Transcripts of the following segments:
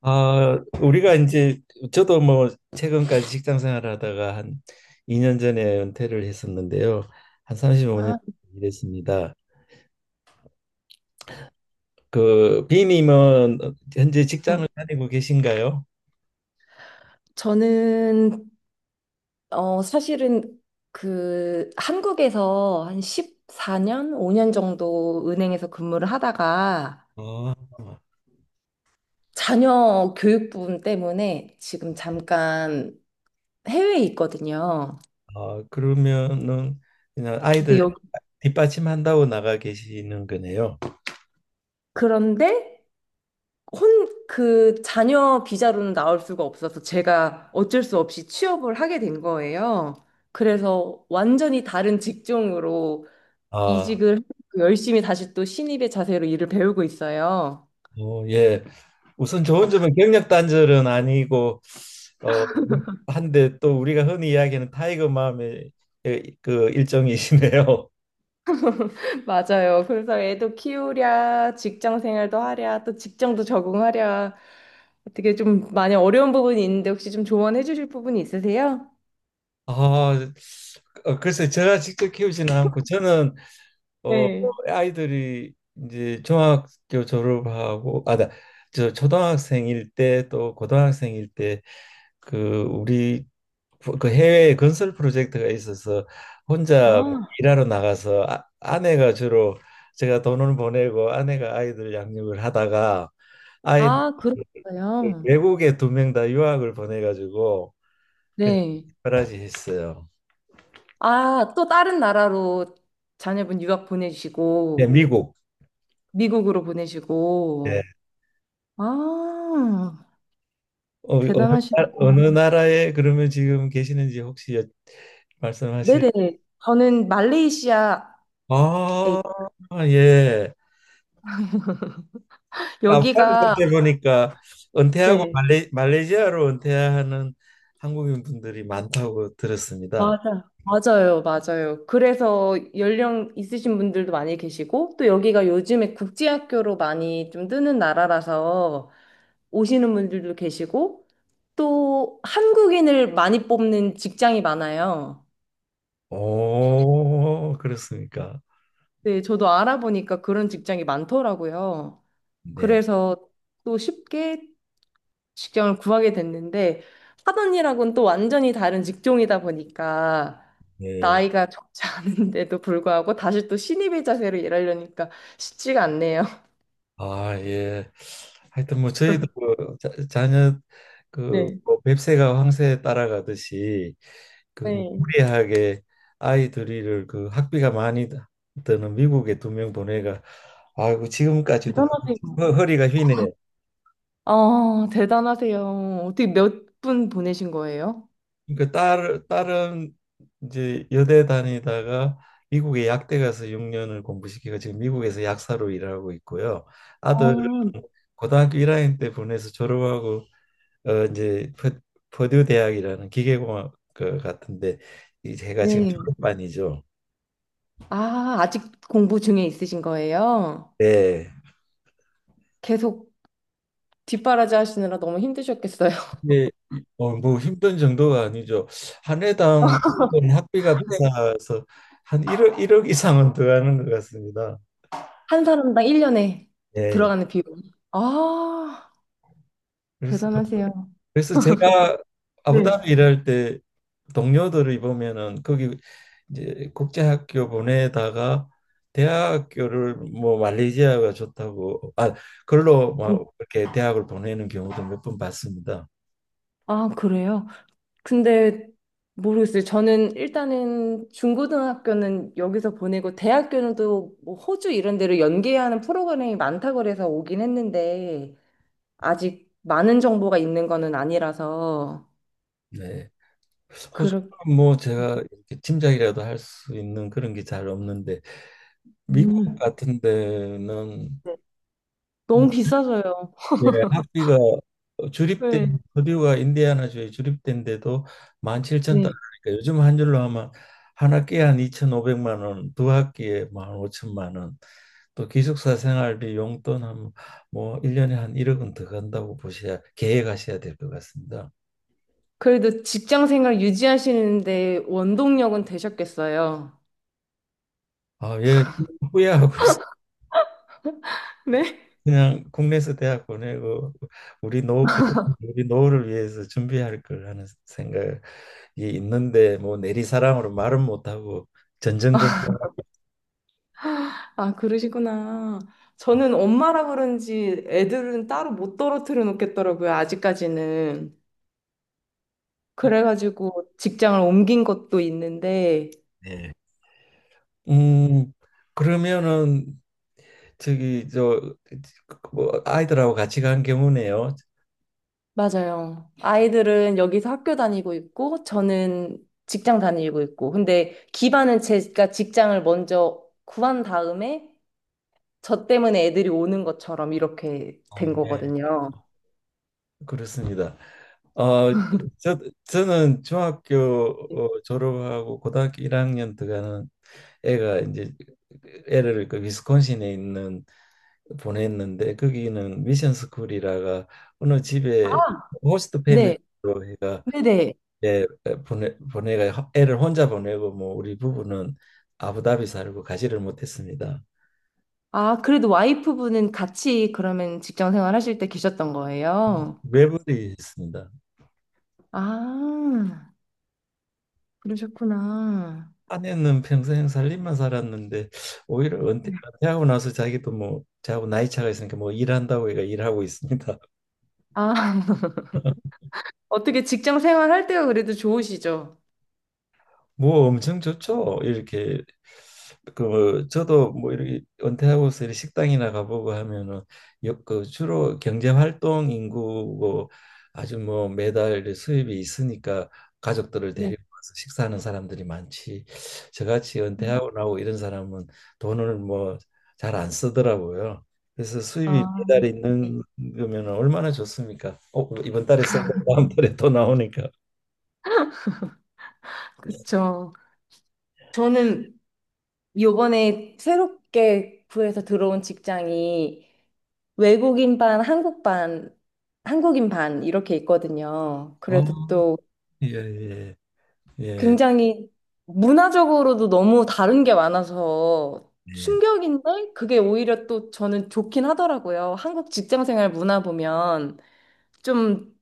아, 우리가 이제 저도 뭐 최근까지 직장 생활하다가 한 2년 전에 은퇴를 했었는데요. 한 35년 아, 일했습니다. 그 비님은 현재 네. 직장을 다니고 계신가요? 저는 사실은 그 한국에서 한 14년, 5년 정도 은행에서 근무를 하다가 아, 자녀 교육 부분 때문에 지금 잠깐 해외에 있거든요. 아, 그러면은 그냥 근데 아이들 여기 뒷받침한다고 나가 계시는 거네요. 그런데 혼 그 자녀 비자로는 나올 수가 없어서 제가 어쩔 수 없이 취업을 하게 된 거예요. 그래서 완전히 다른 직종으로 아, 이직을 하고 열심히 다시 또 신입의 자세로 일을 배우고 있어요. 예. 우선 좋은 점은 경력 단절은 아니고 어, 한데 또 우리가 흔히 이야기하는 타이거 맘의 그 일종이시네요. 맞아요. 그래서 애도 키우랴, 직장 생활도 하랴, 또 직장도 적응하랴. 어떻게 좀 많이 어려운 부분이 있는데 혹시 좀 조언해 주실 부분이 있으세요? 아, 글쎄 제가 직접 키우지는 않고 저는 어, 네. 아이들이 이제 중학교 졸업하고 아, 저 초등학생일 때 또 고등학생일 때 그 우리 그 해외 건설 프로젝트가 있어서 혼자 뭐 아, 일하러 나가서 아, 아내가 주로 제가 돈을 보내고 아내가 아이들 양육을 하다가 아이 그렇군요. 외국에 두 명 다 유학을 보내가지고 그냥 특 네. 바하지 했어요. 아, 또 다른 나라로 자녀분 유학 네, 보내시고, 미국. 미국으로 네. 보내시고. 아, 어, 어느, 대단하시네. 어느 나라에 그러면 지금 계시는지 혹시 말씀하실? 네네. 저는 말레이시아에 아, 예. 간만에 여기가. 그렇게 보니까 은퇴하고 네. 말레이시아로 은퇴하는 한국인 분들이 많다고 들었습니다. 맞아. 맞아요, 맞아요. 그래서 연령 있으신 분들도 많이 계시고, 또 여기가 요즘에 국제학교로 많이 좀 뜨는 나라라서 오시는 분들도 계시고, 또 한국인을 많이 뽑는 직장이 많아요. 오, 그렇습니까? 네, 저도 알아보니까 그런 직장이 많더라고요. 네, 그래서 또 쉽게 직장을 구하게 됐는데 하던 일하고는 또 완전히 다른 직종이다 보니까 네. 나이가 적지 않은데도 불구하고 다시 또 신입의 자세로 일하려니까 쉽지가 않네요. 아, 예. 하여튼 뭐 저희도 그 자녀 그뭐 네. 뱁새가 황새에 따라가듯이 그뭐 네. 무리하게 아이 둘이를 그 학비가 많이 드는 미국에 두 명 보내가 아이고 지금까지도 대단하세요. 허리가 휘네요. 아, 대단하세요. 어떻게 몇 분 보내신 거예요? 그러니까 딸 딸은 이제 여대 다니다가 미국에 약대 가서 6년을 공부시키고 지금 미국에서 약사로 일하고 있고요. 아들은 어, 고등학교 1학년 때 보내서 졸업하고 어 이제 퍼- 퍼듀 대학이라는 기계공학 그 같은데 이 제가 지금 네. 졸업반이죠. 아, 아직 공부 중에 있으신 거예요? 네. 계속 뒷바라지 하시느라 너무 힘드셨겠어요. 이게 뭐 힘든 정도가 아니죠. 한 해당 일본 학비가 네. 비싸서 한 1억 이상은 들어가는 것 같습니다. 한 사람당 1년에 예. 들어가는 비용. 아, 그래서 대단하세요. 그래서 제가 네. 아부다비 일할 때 동료들을 보면은 거기 이제 국제학교 보내다가 대학교를 뭐 말레이시아가 좋다고 아 그걸로 음. 막 이렇게 대학을 보내는 경우도 몇 번 봤습니다. 아, 그래요? 근데 모르겠어요. 저는 일단은 중고등학교는 여기서 보내고 대학교는 또 뭐 호주 이런 데로 연계하는 프로그램이 많다고 그래서 오긴 했는데 아직 많은 정보가 있는 거는 아니라서 네. 호주는 그렇게. 뭐 제가 이렇게 짐작이라도 할 수 있는 그런 게 잘 없는데 미국 음. 같은 데는 네. 뭐 너무 비싸서요. 예, 학비가 주립된 네. 퍼듀가 인디애나주에 주립된데도 만7천달러 네. 니까 요즘 한 줄로 하면 한 학기에 한 2 5오백만 원, 두 학기에 만5천만 원, 또 기숙사 생활비 용돈 한뭐 1년에 한 1억은 더 간다고 보셔야 계획하셔야 될 것 같습니다. 그래도 직장 생활 유지하시는데 원동력은 되셨겠어요. 아, 예, 후회하고 있어요. 네? 그냥 국내에서 대학 보내고 우리 우리 노후를 위해서 준비할 걸 하는 생각 예, 있는데 뭐 내리사랑으로 말은 못하고 전전긍긍. 아, 그러시구나. 저는 엄마라 그런지 애들은 따로 못 떨어뜨려 놓겠더라고요, 아직까지는. 그래가지고 직장을 옮긴 것도 있는데, 네. 음 그러면은 저기 저뭐 아이들하고 같이 간 경우네요. 맞아요. 아이들은 여기서 학교 다니고 있고, 저는 직장 다니고 있고. 근데 기반은 제가 직장을 먼저 구한 다음에, 저 때문에 애들이 오는 것처럼 이렇게 아, 된 네. 거거든요. 그렇습니다. 어, 저, 저는 중학교 졸업하고 고등학교 1학년 들어가는 애가 이제 애를 그 위스콘신에 있는 보냈는데 거기는 미션 스쿨이라가 어느 집에 호스트 패밀리로 네, 해가 네네. 예, 예, 보내가 애를 혼자 보내고 뭐 우리 부부는 아부다비 살고 가지를 못했습니다. 아, 그래도 와이프분은 같이 그러면 직장 생활 하실 때 계셨던 거예요? 외벌이했습니다. 아, 그러셨구나. 아내는 평생 살림만 살았는데 오히려 은퇴, 하고 나서 자기도 뭐 저하고 나이 차가 있으니까 뭐 일한다고 얘가 일하고 있습니다. 아, 어떻게 직장 생활 할 때가 그래도 좋으시죠? 뭐 엄청 좋죠. 이렇게 그 저도 뭐 이렇게 은퇴하고서 이렇게 식당이나 가보고 하면은 그 주로 경제 활동 인구고 아주 뭐 매달 이렇게 수입이 있으니까 가족들을 네. 데리고 와서 식사하는 사람들이 많지. 저같이 은퇴하고 나고 이런 사람은 돈을 뭐 잘 안 쓰더라고요. 그래서 수입이 아, 매달 네. 있는 거면 얼마나 좋습니까? 어, 이번 달에 써고 다음 달에 또 나오니까. 그쵸. 저는 요번에 새롭게 구해서 들어온 직장이 외국인 반, 한국 반, 한국인 반 이렇게 있거든요. 그래도 아, 또 예, 예, 예, 굉장히 문화적으로도 너무 다른 게 많아서 예. 충격인데 그게 오히려 또 저는 좋긴 하더라고요. 한국 직장생활 문화 보면 좀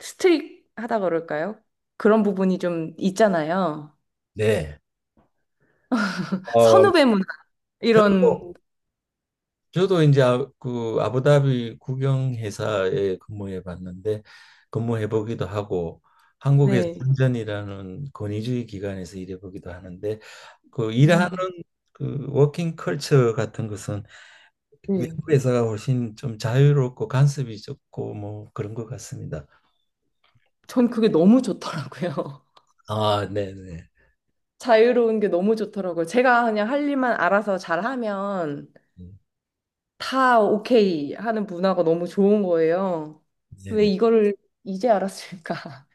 스트릭하다 그럴까요? 그런 부분이 좀 있잖아요. 네. 어, 선후배 문화 이런. 저도 저도 이제 그 아부다비 국영 회사에 근무해 보기도 하고 한국의 네. 선전이라는 권위주의 기관에서 일해 보기도 하는데 그 일하는 어, 그 워킹 컬처 같은 것은 네. 외국 회사가 훨씬 좀 자유롭고 간섭이 적고 뭐 그런 것 같습니다. 전 그게 너무 좋더라고요. 아, 네, 네. 자유로운 게 너무 좋더라고요. 제가 그냥 할 일만 알아서 잘하면 다 오케이 하는 문화가 너무 좋은 거예요. 네, 왜 네. 이거를 이제 알았을까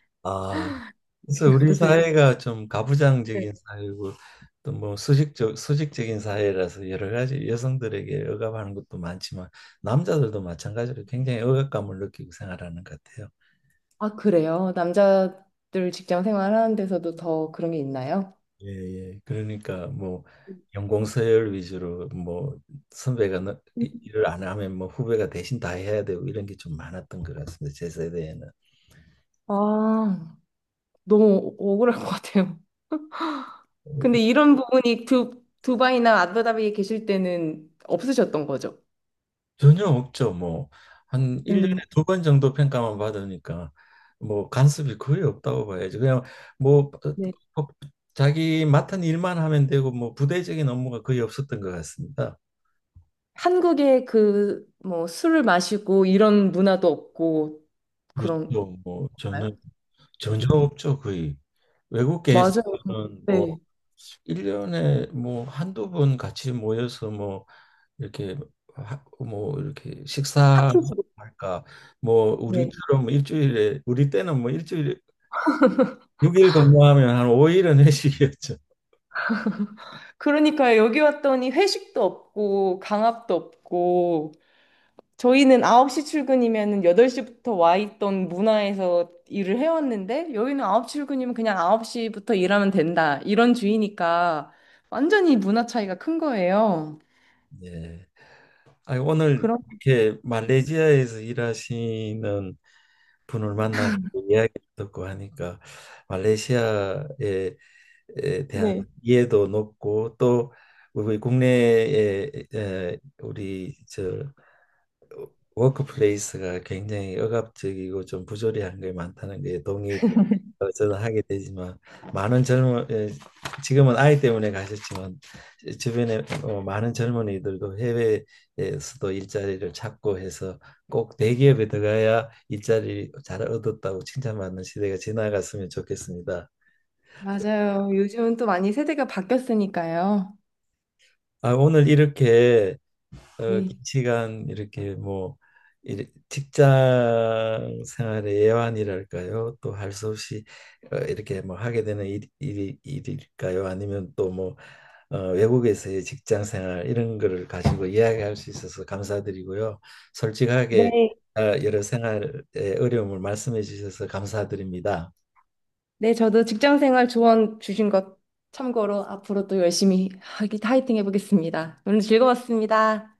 그래서 우리 생각도 들어요. 사회가 좀 네. 가부장적인 사회고 또 뭐 수직적인 사회라서 여러 가지 여성들에게 억압하는 것도 많지만 남자들도 마찬가지로 굉장히 억압감을 느끼고 생활하는 것 같아요. 아, 그래요? 남자들 직장 생활하는 데서도 더 그런 게 있나요? 예, 예. 그러니까 뭐 연공서열 위주로 뭐 선배가 음. 일을 안 하면 뭐 후배가 대신 다 해야 되고 이런 게 좀 많았던 것 같습니다. 제 세대에는. 아, 너무 억울할 것 같아요. 근데 이런 부분이 두바이나 아부다비에 계실 때는 없으셨던 거죠? 전혀 없죠. 뭐 한 일년에 음, 두 번 정도 평가만 받으니까 뭐 간섭이 거의 없다고 봐야지. 그냥 뭐 네. 어, 어, 자기 맡은 일만 하면 되고 뭐 부대적인 업무가 거의 없었던 것 같습니다. 한국에 그 뭐 술을 마시고 이런 문화도 없고 그런가요? 그렇죠. 뭐 네. 전혀 없죠. 거의 외국계 맞아요. 회사는 네. 뭐일년에뭐 한두 번 같이 모여서 뭐 이렇게 뭐 이렇게 파티. 식사할까 뭐 네. 우리처럼 일주일에 우리 때는 뭐 일주일에 6일 근무하면 한 5일은 회식이었죠. 그러니까 여기 왔더니 회식도 없고 강압도 없고 저희는 9시 출근이면 8시부터 와 있던 문화에서 일을 해왔는데 여기는 9시 출근이면 그냥 9시부터 일하면 된다. 이런 주의니까 완전히 문화 차이가 큰 거예요. 네. 아, 오늘 그럼. 이렇게 말레이시아에서 일하시는 분을 만나고 이야기 듣고 하니까 말레이시아에 에 대한 네. 이해도 높고 또 우리 국내에 에, 우리 저 워크플레이스가 굉장히 억압적이고 좀 부조리한 게 많다는 게 동의도 어, 저는 하게 되지만 많은 젊은 예, 지금은 아이 때문에 가셨지만 주변에 어, 많은 젊은이들도 해외에서도 일자리를 찾고 해서 꼭 대기업에 들어가야 일자리 잘 얻었다고 칭찬받는 시대가 지나갔으면 좋겠습니다. 맞아요. 요즘은 또 많이 세대가 바뀌었으니까요. 아, 오늘 이렇게 어, 긴 네. 시간 이렇게 뭐 직장 생활의 애환이랄까요? 또 할 수 없이 어, 이렇게 뭐 하게 되는 일일까요? 아니면 또 뭐 어, 외국에서의 직장 생활 이런 거를 가지고 이야기할 수 있어서 감사드리고요. 솔직하게 네. 어, 여러 생활의 어려움을 말씀해 주셔서 감사드립니다. 네, 저도 직장 생활 조언 주신 것 참고로 앞으로 또 열심히 하기, 화이팅 해보겠습니다. 오늘 즐거웠습니다.